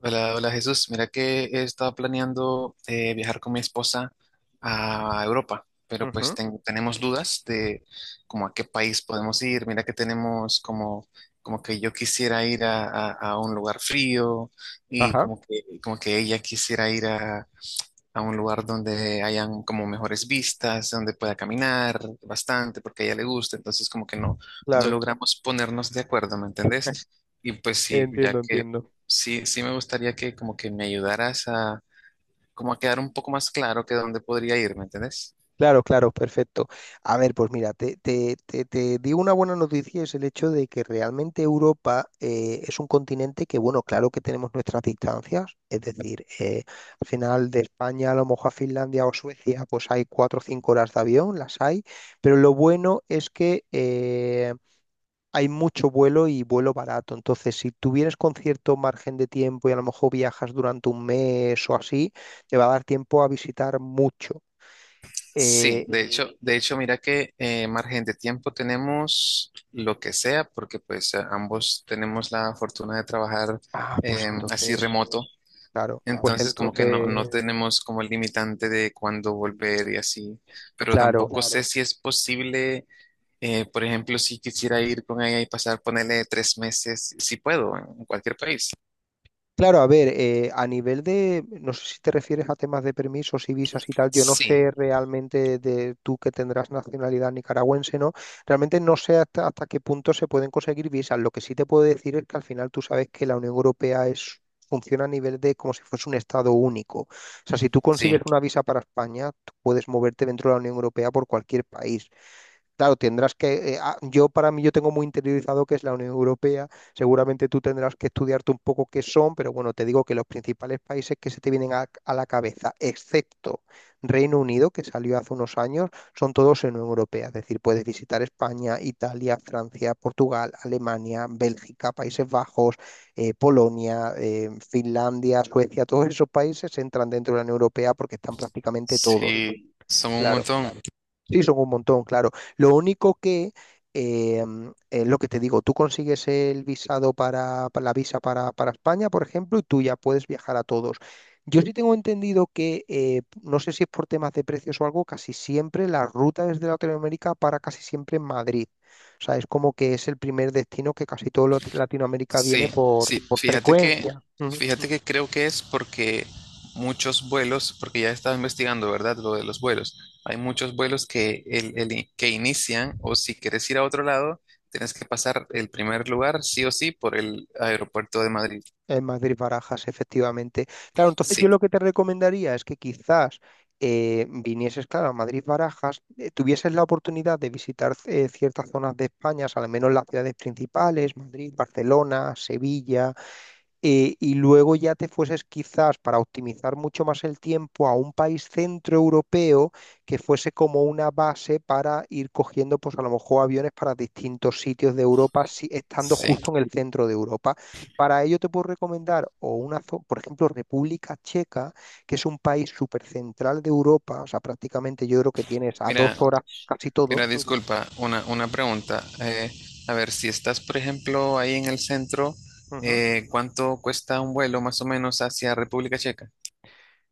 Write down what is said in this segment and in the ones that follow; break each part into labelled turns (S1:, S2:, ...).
S1: Hola, hola Jesús. Mira que he estado planeando viajar con mi esposa a Europa, pero pues
S2: Ujú.
S1: tenemos dudas de como a qué país podemos ir. Mira que tenemos como, como que yo quisiera ir a un lugar frío y
S2: Ajá.
S1: como que ella quisiera ir a un lugar donde hayan como mejores vistas, donde pueda caminar bastante porque a ella le gusta, entonces como que no, no
S2: Claro,
S1: logramos ponernos de acuerdo, ¿me entendés? Y pues sí,
S2: entiendo,
S1: ya que
S2: entiendo.
S1: sí me gustaría que como que me ayudaras a como a quedar un poco más claro que dónde podría ir, ¿me entendés?
S2: Claro, claro, perfecto. A ver, pues mira, te digo una buena noticia, es el hecho de que realmente Europa es un continente que, bueno, claro que tenemos nuestras distancias, es decir, al final de España a lo mejor a Finlandia o Suecia, pues hay 4 o 5 horas de avión, las hay, pero lo bueno es que hay mucho vuelo y vuelo barato. Entonces, si tuvieras con cierto margen de tiempo y a lo mejor viajas durante un mes o así, te va a dar tiempo a visitar mucho. Eh,
S1: Sí, de hecho, mira que margen de tiempo tenemos lo que sea, porque pues ambos tenemos la fortuna de trabajar
S2: ah, pues
S1: así
S2: entonces,
S1: remoto.
S2: claro, pues
S1: Entonces, como que no, no
S2: entonces,
S1: tenemos como el limitante de cuándo volver y así, pero
S2: claro.
S1: tampoco sé. Claro. Si es posible, por ejemplo, si quisiera ir con ella y pasar, ponerle 3 meses, si puedo, en cualquier país.
S2: Claro, a ver, a nivel de, no sé si te refieres a temas de permisos y visas y tal, yo no
S1: Sí,
S2: sé realmente de tú que tendrás nacionalidad nicaragüense, ¿no? Realmente no sé hasta qué punto se pueden conseguir visas. Lo que sí te puedo decir es que al final tú sabes que la Unión Europea funciona a nivel de como si fuese un estado único. O sea, si tú consigues
S1: sí,
S2: una visa para España, tú puedes moverte dentro de la Unión Europea por cualquier país. Claro, tendrás que, yo tengo muy interiorizado que es la Unión Europea, seguramente tú tendrás que estudiarte un poco qué son, pero bueno, te digo que los principales países que se te vienen a la cabeza, excepto Reino Unido, que salió hace unos años, son todos en Unión Europea, es decir, puedes visitar España, Italia, Francia, Portugal, Alemania, Bélgica, Países Bajos, Polonia, Finlandia, Suecia, todos esos países entran dentro de la Unión Europea porque están prácticamente todos.
S1: sí, somos un
S2: Claro.
S1: montón.
S2: Sí, son un montón, claro. Lo único que, em, es lo que te digo, tú consigues el visado para la visa para España, por ejemplo, y tú ya puedes viajar a todos. Yo sí tengo entendido que, no sé si es por temas de precios o algo, casi siempre la ruta desde Latinoamérica para casi siempre en Madrid. O sea, es como que es el primer destino que casi todo Latinoamérica viene
S1: Sí,
S2: por,
S1: sí,
S2: por frecuencia.
S1: fíjate que creo que es porque muchos vuelos, porque ya estaba investigando, ¿verdad? Lo de los vuelos. Hay muchos vuelos que, que inician, o si quieres ir a otro lado, tienes que pasar el primer lugar, sí o sí, por el aeropuerto de Madrid.
S2: En Madrid Barajas, efectivamente. Claro, entonces yo
S1: Sí,
S2: lo que te recomendaría es que quizás vinieses, claro, a Madrid Barajas, tuvieses la oportunidad de visitar ciertas zonas de España, al menos las ciudades principales, Madrid, Barcelona, Sevilla, y luego ya te fueses quizás para optimizar mucho más el tiempo a un país centroeuropeo que fuese como una base para ir cogiendo pues a lo mejor aviones para distintos sitios de Europa, si, estando
S1: sí.
S2: justo en el centro de Europa. Para ello te puedo recomendar por ejemplo, República Checa, que es un país súper central de Europa, o sea, prácticamente yo creo que tienes a dos
S1: Mira,
S2: horas casi todo.
S1: mira, disculpa, una pregunta. A ver, si estás, por ejemplo, ahí en el centro,
S2: Ujú.
S1: ¿cuánto cuesta un vuelo más o menos hacia República Checa?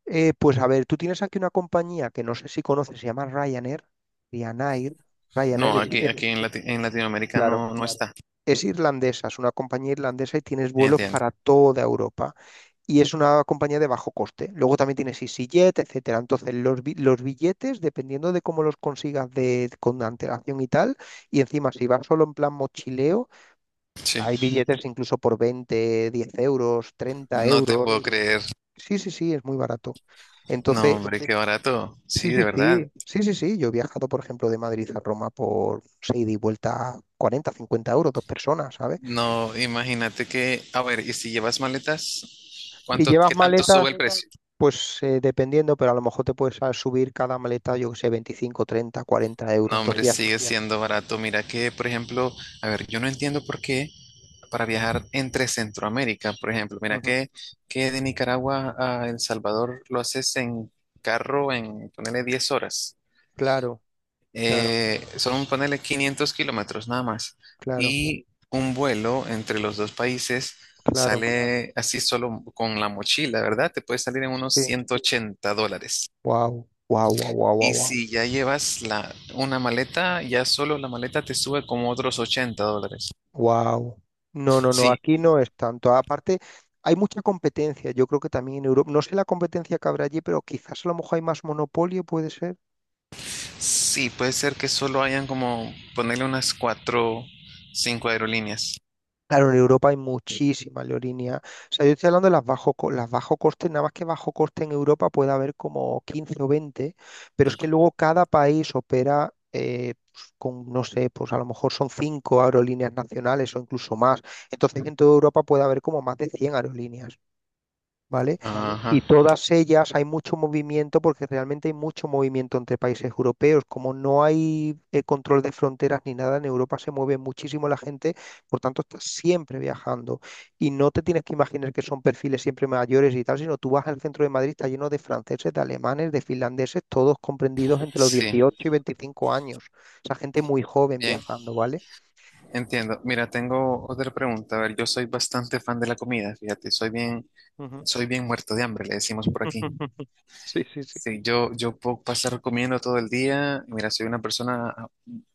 S2: Pues a ver, tú tienes aquí una compañía que no sé si conoces, se llama Ryanair, Ryanair,
S1: No,
S2: es- es-
S1: aquí en, en Latinoamérica
S2: claro,
S1: no, no está.
S2: es irlandesa, es una compañía irlandesa y tienes vuelos
S1: Entiendo.
S2: para toda Europa. Y es una compañía de bajo coste. Luego también tienes EasyJet, etcétera. Entonces, los billetes, dependiendo de cómo los consigas con antelación y tal, y encima si vas solo en plan mochileo,
S1: Sí.
S2: hay billetes incluso por 20, 10 euros, 30
S1: No te
S2: euros.
S1: puedo creer.
S2: Sí, sí, sí, es muy barato.
S1: No,
S2: Entonces,
S1: hombre, qué barato.
S2: sí,
S1: Sí,
S2: sí,
S1: de verdad.
S2: sí, sí, sí, sí. Yo he viajado, por ejemplo, de Madrid a Roma por seis ida y vuelta 40, 50 euros, dos personas, ¿sabes?
S1: No, imagínate que, a ver, ¿y si llevas maletas?
S2: Si
S1: ¿Cuánto,
S2: llevas
S1: qué Si tanto llevas
S2: maletas,
S1: sube el maletas, precio?
S2: pues dependiendo, pero a lo mejor te puedes subir cada maleta, yo que sé, 25, 30, 40 euros.
S1: No,
S2: Entonces.
S1: hombre, sigue ya. Siendo barato. Mira que, por ejemplo, a ver, yo no entiendo por qué para viajar entre Centroamérica, por ejemplo, mira
S2: Ujú.
S1: que de Nicaragua a El Salvador lo haces en carro en, ponele 10 horas.
S2: Claro, claro,
S1: Son, ponele 500 kilómetros nada más.
S2: claro,
S1: Y un vuelo entre los dos países
S2: claro.
S1: sale así solo con la mochila, ¿verdad? Te puede salir en unos
S2: Sí.
S1: $180.
S2: Wow, wow, wow, wow, wow,
S1: Y
S2: wow.
S1: si ya llevas la, una maleta, ya solo la maleta te sube como otros $80.
S2: Wow. No, no, no,
S1: Sí,
S2: aquí no es tanto. Aparte, hay mucha competencia. Yo creo que también en Europa, no sé la competencia que habrá allí, pero quizás a lo mejor hay más monopolio, puede ser.
S1: sí, puede ser que solo hayan como ponerle unas cuatro, cinco aerolíneas.
S2: Claro, en Europa hay muchísima leorinia. O sea, yo estoy hablando de las bajo coste, nada más que bajo coste en Europa puede haber como 15 o 20, pero es que luego cada país opera pues, con, no sé, pues a lo mejor son 5 aerolíneas nacionales o incluso más. Entonces en toda Europa puede haber como más de 100 aerolíneas, ¿vale?
S1: Ajá,
S2: Y todas ellas hay mucho movimiento porque realmente hay mucho movimiento entre países europeos. Como no hay control de fronteras ni nada, en Europa se mueve muchísimo la gente, por tanto estás siempre viajando. Y no te tienes que imaginar que son perfiles siempre mayores y tal, sino tú vas al centro de Madrid, está lleno de franceses, de alemanes, de finlandeses, todos comprendidos entre los
S1: sí,
S2: 18 y 25 años. O sea, gente muy joven
S1: bien.
S2: viajando, ¿vale?
S1: Entiendo. Mira, tengo otra pregunta. A ver, yo soy bastante fan de la comida, fíjate,
S2: Ujú.
S1: soy bien muerto de hambre, le decimos por aquí.
S2: Sí, sí, sí.
S1: Sí, yo puedo pasar comiendo todo el día. Mira, soy una persona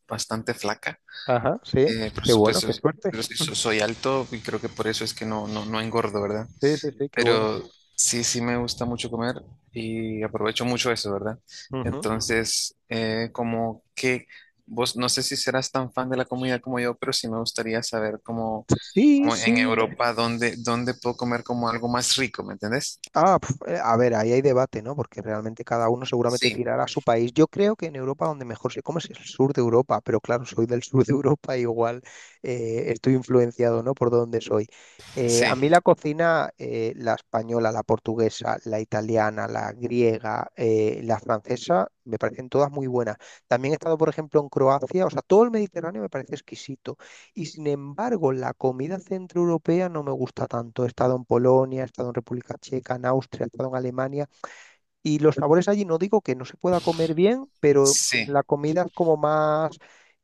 S1: bastante flaca,
S2: Ajá, sí.
S1: por
S2: Qué bueno,
S1: supuesto,
S2: qué suerte.
S1: pero sí soy alto y creo que por eso es que no, no, no engordo, ¿verdad?
S2: Sí, sí, sí, qué bueno.
S1: Pero sí, sí me gusta mucho comer y aprovecho mucho eso, ¿verdad?
S2: Ujú.
S1: Entonces, como que vos, no sé si serás tan fan de la comida como yo, pero sí me gustaría saber cómo
S2: Sí,
S1: como en
S2: sí.
S1: Europa, ¿dónde, dónde puedo comer como algo más rico? ¿Me entendés?
S2: Ah, a ver, ahí hay debate, ¿no? Porque realmente cada uno seguramente
S1: Sí,
S2: tirará a su país. Yo creo que en Europa donde mejor se come es el sur de Europa, pero claro, soy del sur de Europa, igual estoy influenciado, ¿no? Por donde soy.
S1: sí,
S2: A mí
S1: Sí.
S2: la cocina, la española, la portuguesa, la italiana, la griega, la francesa, me parecen todas muy buenas. También he estado, por ejemplo, en Croacia, o sea, todo el Mediterráneo me parece exquisito. Y sin embargo, la comida centroeuropea no me gusta tanto. He estado en Polonia, he estado en República Checa, en Austria, he estado en Alemania. Y los sabores allí no digo que no se pueda comer bien, pero
S1: Sí.
S2: la comida es como más.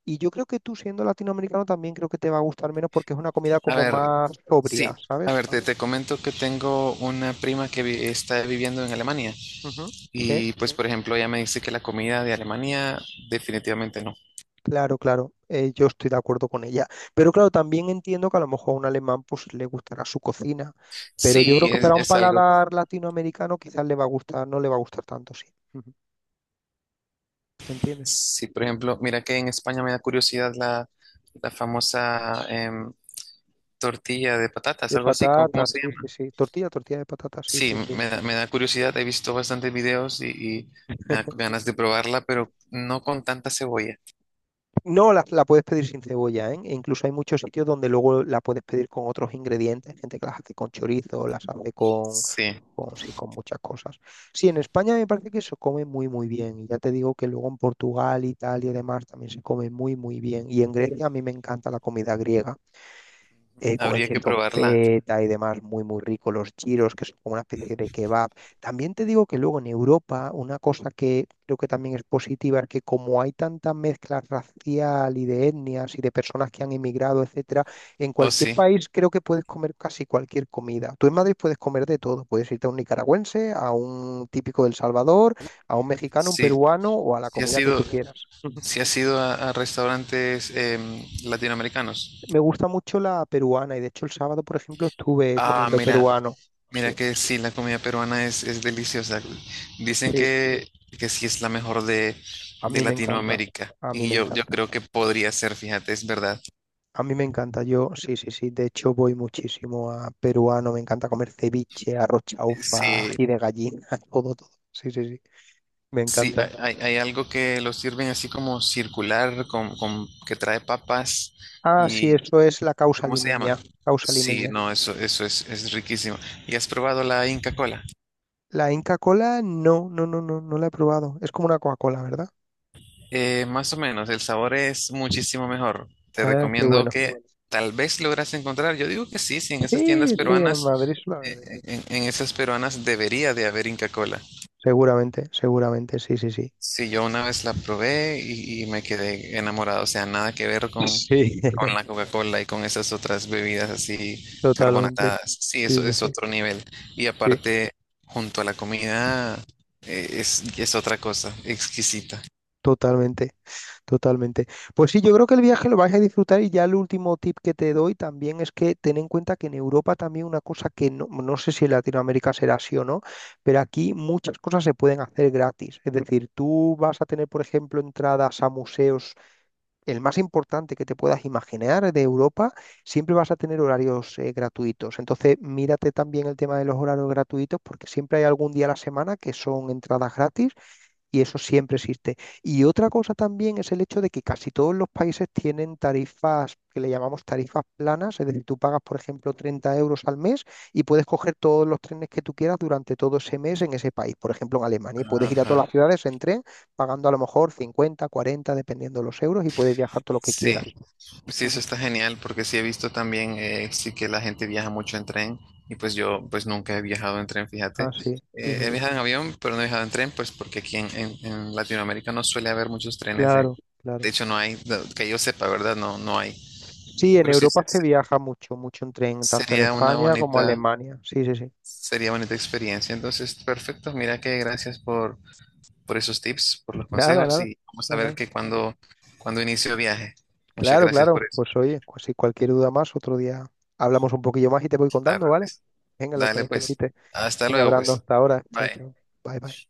S2: Y yo creo que tú siendo latinoamericano también creo que te va a gustar menos porque es una comida
S1: A
S2: como
S1: ver,
S2: más sobria,
S1: sí. A
S2: ¿sabes?
S1: ver, te comento que tengo una prima que está viviendo en Alemania
S2: Ujú. Sí.
S1: y pues, por ejemplo, ella me dice que la comida de Alemania definitivamente no.
S2: Claro, claro, yo estoy de acuerdo con ella. Pero claro, también entiendo que a lo mejor a un alemán pues le gustará su cocina, pero yo creo
S1: Sí,
S2: que para un
S1: es algo,
S2: paladar latinoamericano quizás le va a gustar, no le va a gustar tanto, sí. Ujú. ¿Entiendes?
S1: sí, por ejemplo, mira que en España me da curiosidad la, la famosa tortilla de patatas,
S2: De
S1: algo así, ¿cómo, cómo
S2: patatas,
S1: se
S2: sí, sí, sí. Tortilla, tortilla de patatas, sí,
S1: Sí,
S2: sí, sí.
S1: me da curiosidad, he visto bastantes videos y me da ganas de probarla, pero no con tanta cebolla.
S2: No, la puedes pedir sin cebolla, ¿eh? E incluso hay muchos sitios donde luego la puedes pedir con otros ingredientes, gente que las hace con chorizo, las hace con
S1: Sí,
S2: con, sí, con muchas cosas. Sí, en España me parece que se come muy, muy bien. Y ya te digo que luego en Portugal, Italia y demás también se come muy, muy bien. Y en Grecia a mí me encanta la comida griega con el
S1: habría que
S2: queso
S1: probarla.
S2: feta y demás, muy, muy rico, los gyros, que son como una especie de kebab. También te digo que luego en Europa, una cosa que creo que también es positiva es que como hay tanta mezcla racial y de etnias y de personas que han emigrado, etcétera, en
S1: Oh,
S2: cualquier
S1: sí,
S2: país creo que puedes comer casi cualquier comida. Tú en Madrid puedes comer de todo, puedes irte a un nicaragüense, a un típico del Salvador, a un mexicano, un
S1: sí
S2: peruano o a la
S1: sí has
S2: comida que
S1: ido,
S2: tú quieras.
S1: sí has ido a restaurantes latinoamericanos.
S2: Me gusta mucho la peruana y de hecho el sábado, por ejemplo, estuve
S1: Ah,
S2: comiendo
S1: mira,
S2: peruano.
S1: mira
S2: Sí,
S1: que sí, la comida peruana es deliciosa. Dicen
S2: sí,
S1: que sí es la mejor
S2: a
S1: de
S2: mí me encanta.
S1: Latinoamérica
S2: A mí
S1: y
S2: me
S1: yo
S2: encanta.
S1: creo que podría ser, fíjate, es verdad.
S2: A mí me encanta. Yo, sí, sí, sí. De hecho, voy muchísimo a peruano. Me encanta comer ceviche, arroz chaufa,
S1: Sí,
S2: ají de gallina, todo, todo. Sí, sí, sí. Me
S1: Sí,
S2: encanta.
S1: hay, hay algo que lo sirven así como circular, con, que trae papas
S2: Ah, sí,
S1: y
S2: eso es la causa
S1: ¿cómo se llama?
S2: limeña. Causa
S1: Sí,
S2: limeña.
S1: no, eso es riquísimo. ¿Y has probado la Inca Cola?
S2: La Inca Cola, no, no, no, no, no la he probado. Es como una Coca-Cola, ¿verdad?
S1: Más o menos, el sabor es muchísimo mejor. Te
S2: Ah, qué
S1: recomiendo. Mm,
S2: bueno.
S1: que tal vez logras encontrar. Yo digo que sí, sí, en esas tiendas
S2: Sí, sí, en Madrid
S1: peruanas,
S2: suele haber de todo.
S1: en esas peruanas debería de haber Inca Cola.
S2: Seguramente, seguramente, sí, sí, sí.
S1: Sí, yo una vez la probé y me quedé enamorado, o sea, nada que ver
S2: Sí,
S1: con la Coca-Cola y con esas otras bebidas así
S2: totalmente.
S1: carbonatadas. Sí,
S2: Sí,
S1: eso
S2: sí,
S1: es
S2: sí,
S1: otro nivel. Y
S2: sí,
S1: aparte, junto a la comida, es otra cosa, exquisita.
S2: totalmente, totalmente. Pues sí, yo creo que el viaje lo vais a disfrutar y ya el último tip que te doy también es que ten en cuenta que en Europa también una cosa que no sé si en Latinoamérica será así o no, pero aquí muchas cosas se pueden hacer gratis. Es decir, tú vas a tener, por ejemplo, entradas a museos el más importante que te puedas imaginar de Europa, siempre vas a tener horarios gratuitos. Entonces, mírate también el tema de los horarios gratuitos porque siempre hay algún día a la semana que son entradas gratis y eso siempre existe. Y otra cosa también es el hecho de que casi todos los países tienen tarifas que le llamamos tarifas planas, es decir, tú pagas, por ejemplo, 30 euros al mes y puedes coger todos los trenes que tú quieras durante todo ese mes en ese país. Por ejemplo, en Alemania, puedes ir a
S1: Ajá.
S2: todas las ciudades en tren pagando a lo mejor 50 40 dependiendo de los euros, y puedes viajar todo lo que
S1: Sí,
S2: quieras.
S1: pues Sí, eso
S2: Ujú.
S1: está genial porque sí he visto también, sí que la gente viaja mucho en tren y pues yo pues nunca he viajado en tren, fíjate.
S2: Ah, sí, sí, sí,
S1: He
S2: sí.
S1: viajado en avión, pero no he viajado en tren, pues porque aquí en, en Latinoamérica no suele haber muchos trenes. Eh.
S2: Claro,
S1: De
S2: claro.
S1: hecho, no hay, no, que yo sepa, ¿verdad? No, no hay.
S2: Sí, en
S1: Pero sí,
S2: Europa se viaja mucho, mucho en tren, tanto en
S1: sería una
S2: España como
S1: bonita,
S2: Alemania. Sí, sí, sí.
S1: sería bonita experiencia. Entonces, perfecto. Mira que gracias por esos tips, por los
S2: Nada,
S1: consejos
S2: nada.
S1: y vamos a ver
S2: Nada.
S1: que cuando, cuando inicio viaje. Muchas
S2: Claro,
S1: gracias por
S2: claro.
S1: eso.
S2: Pues oye, pues si cualquier duda más, otro día hablamos un poquillo más y te voy
S1: Claro
S2: contando,
S1: que
S2: ¿vale?
S1: sí.
S2: Venga, lo que
S1: Dale pues.
S2: necesites.
S1: Hasta
S2: Venga,
S1: luego
S2: Brando,
S1: pues.
S2: hasta ahora. Chao,
S1: Bye.
S2: chao. Bye, bye.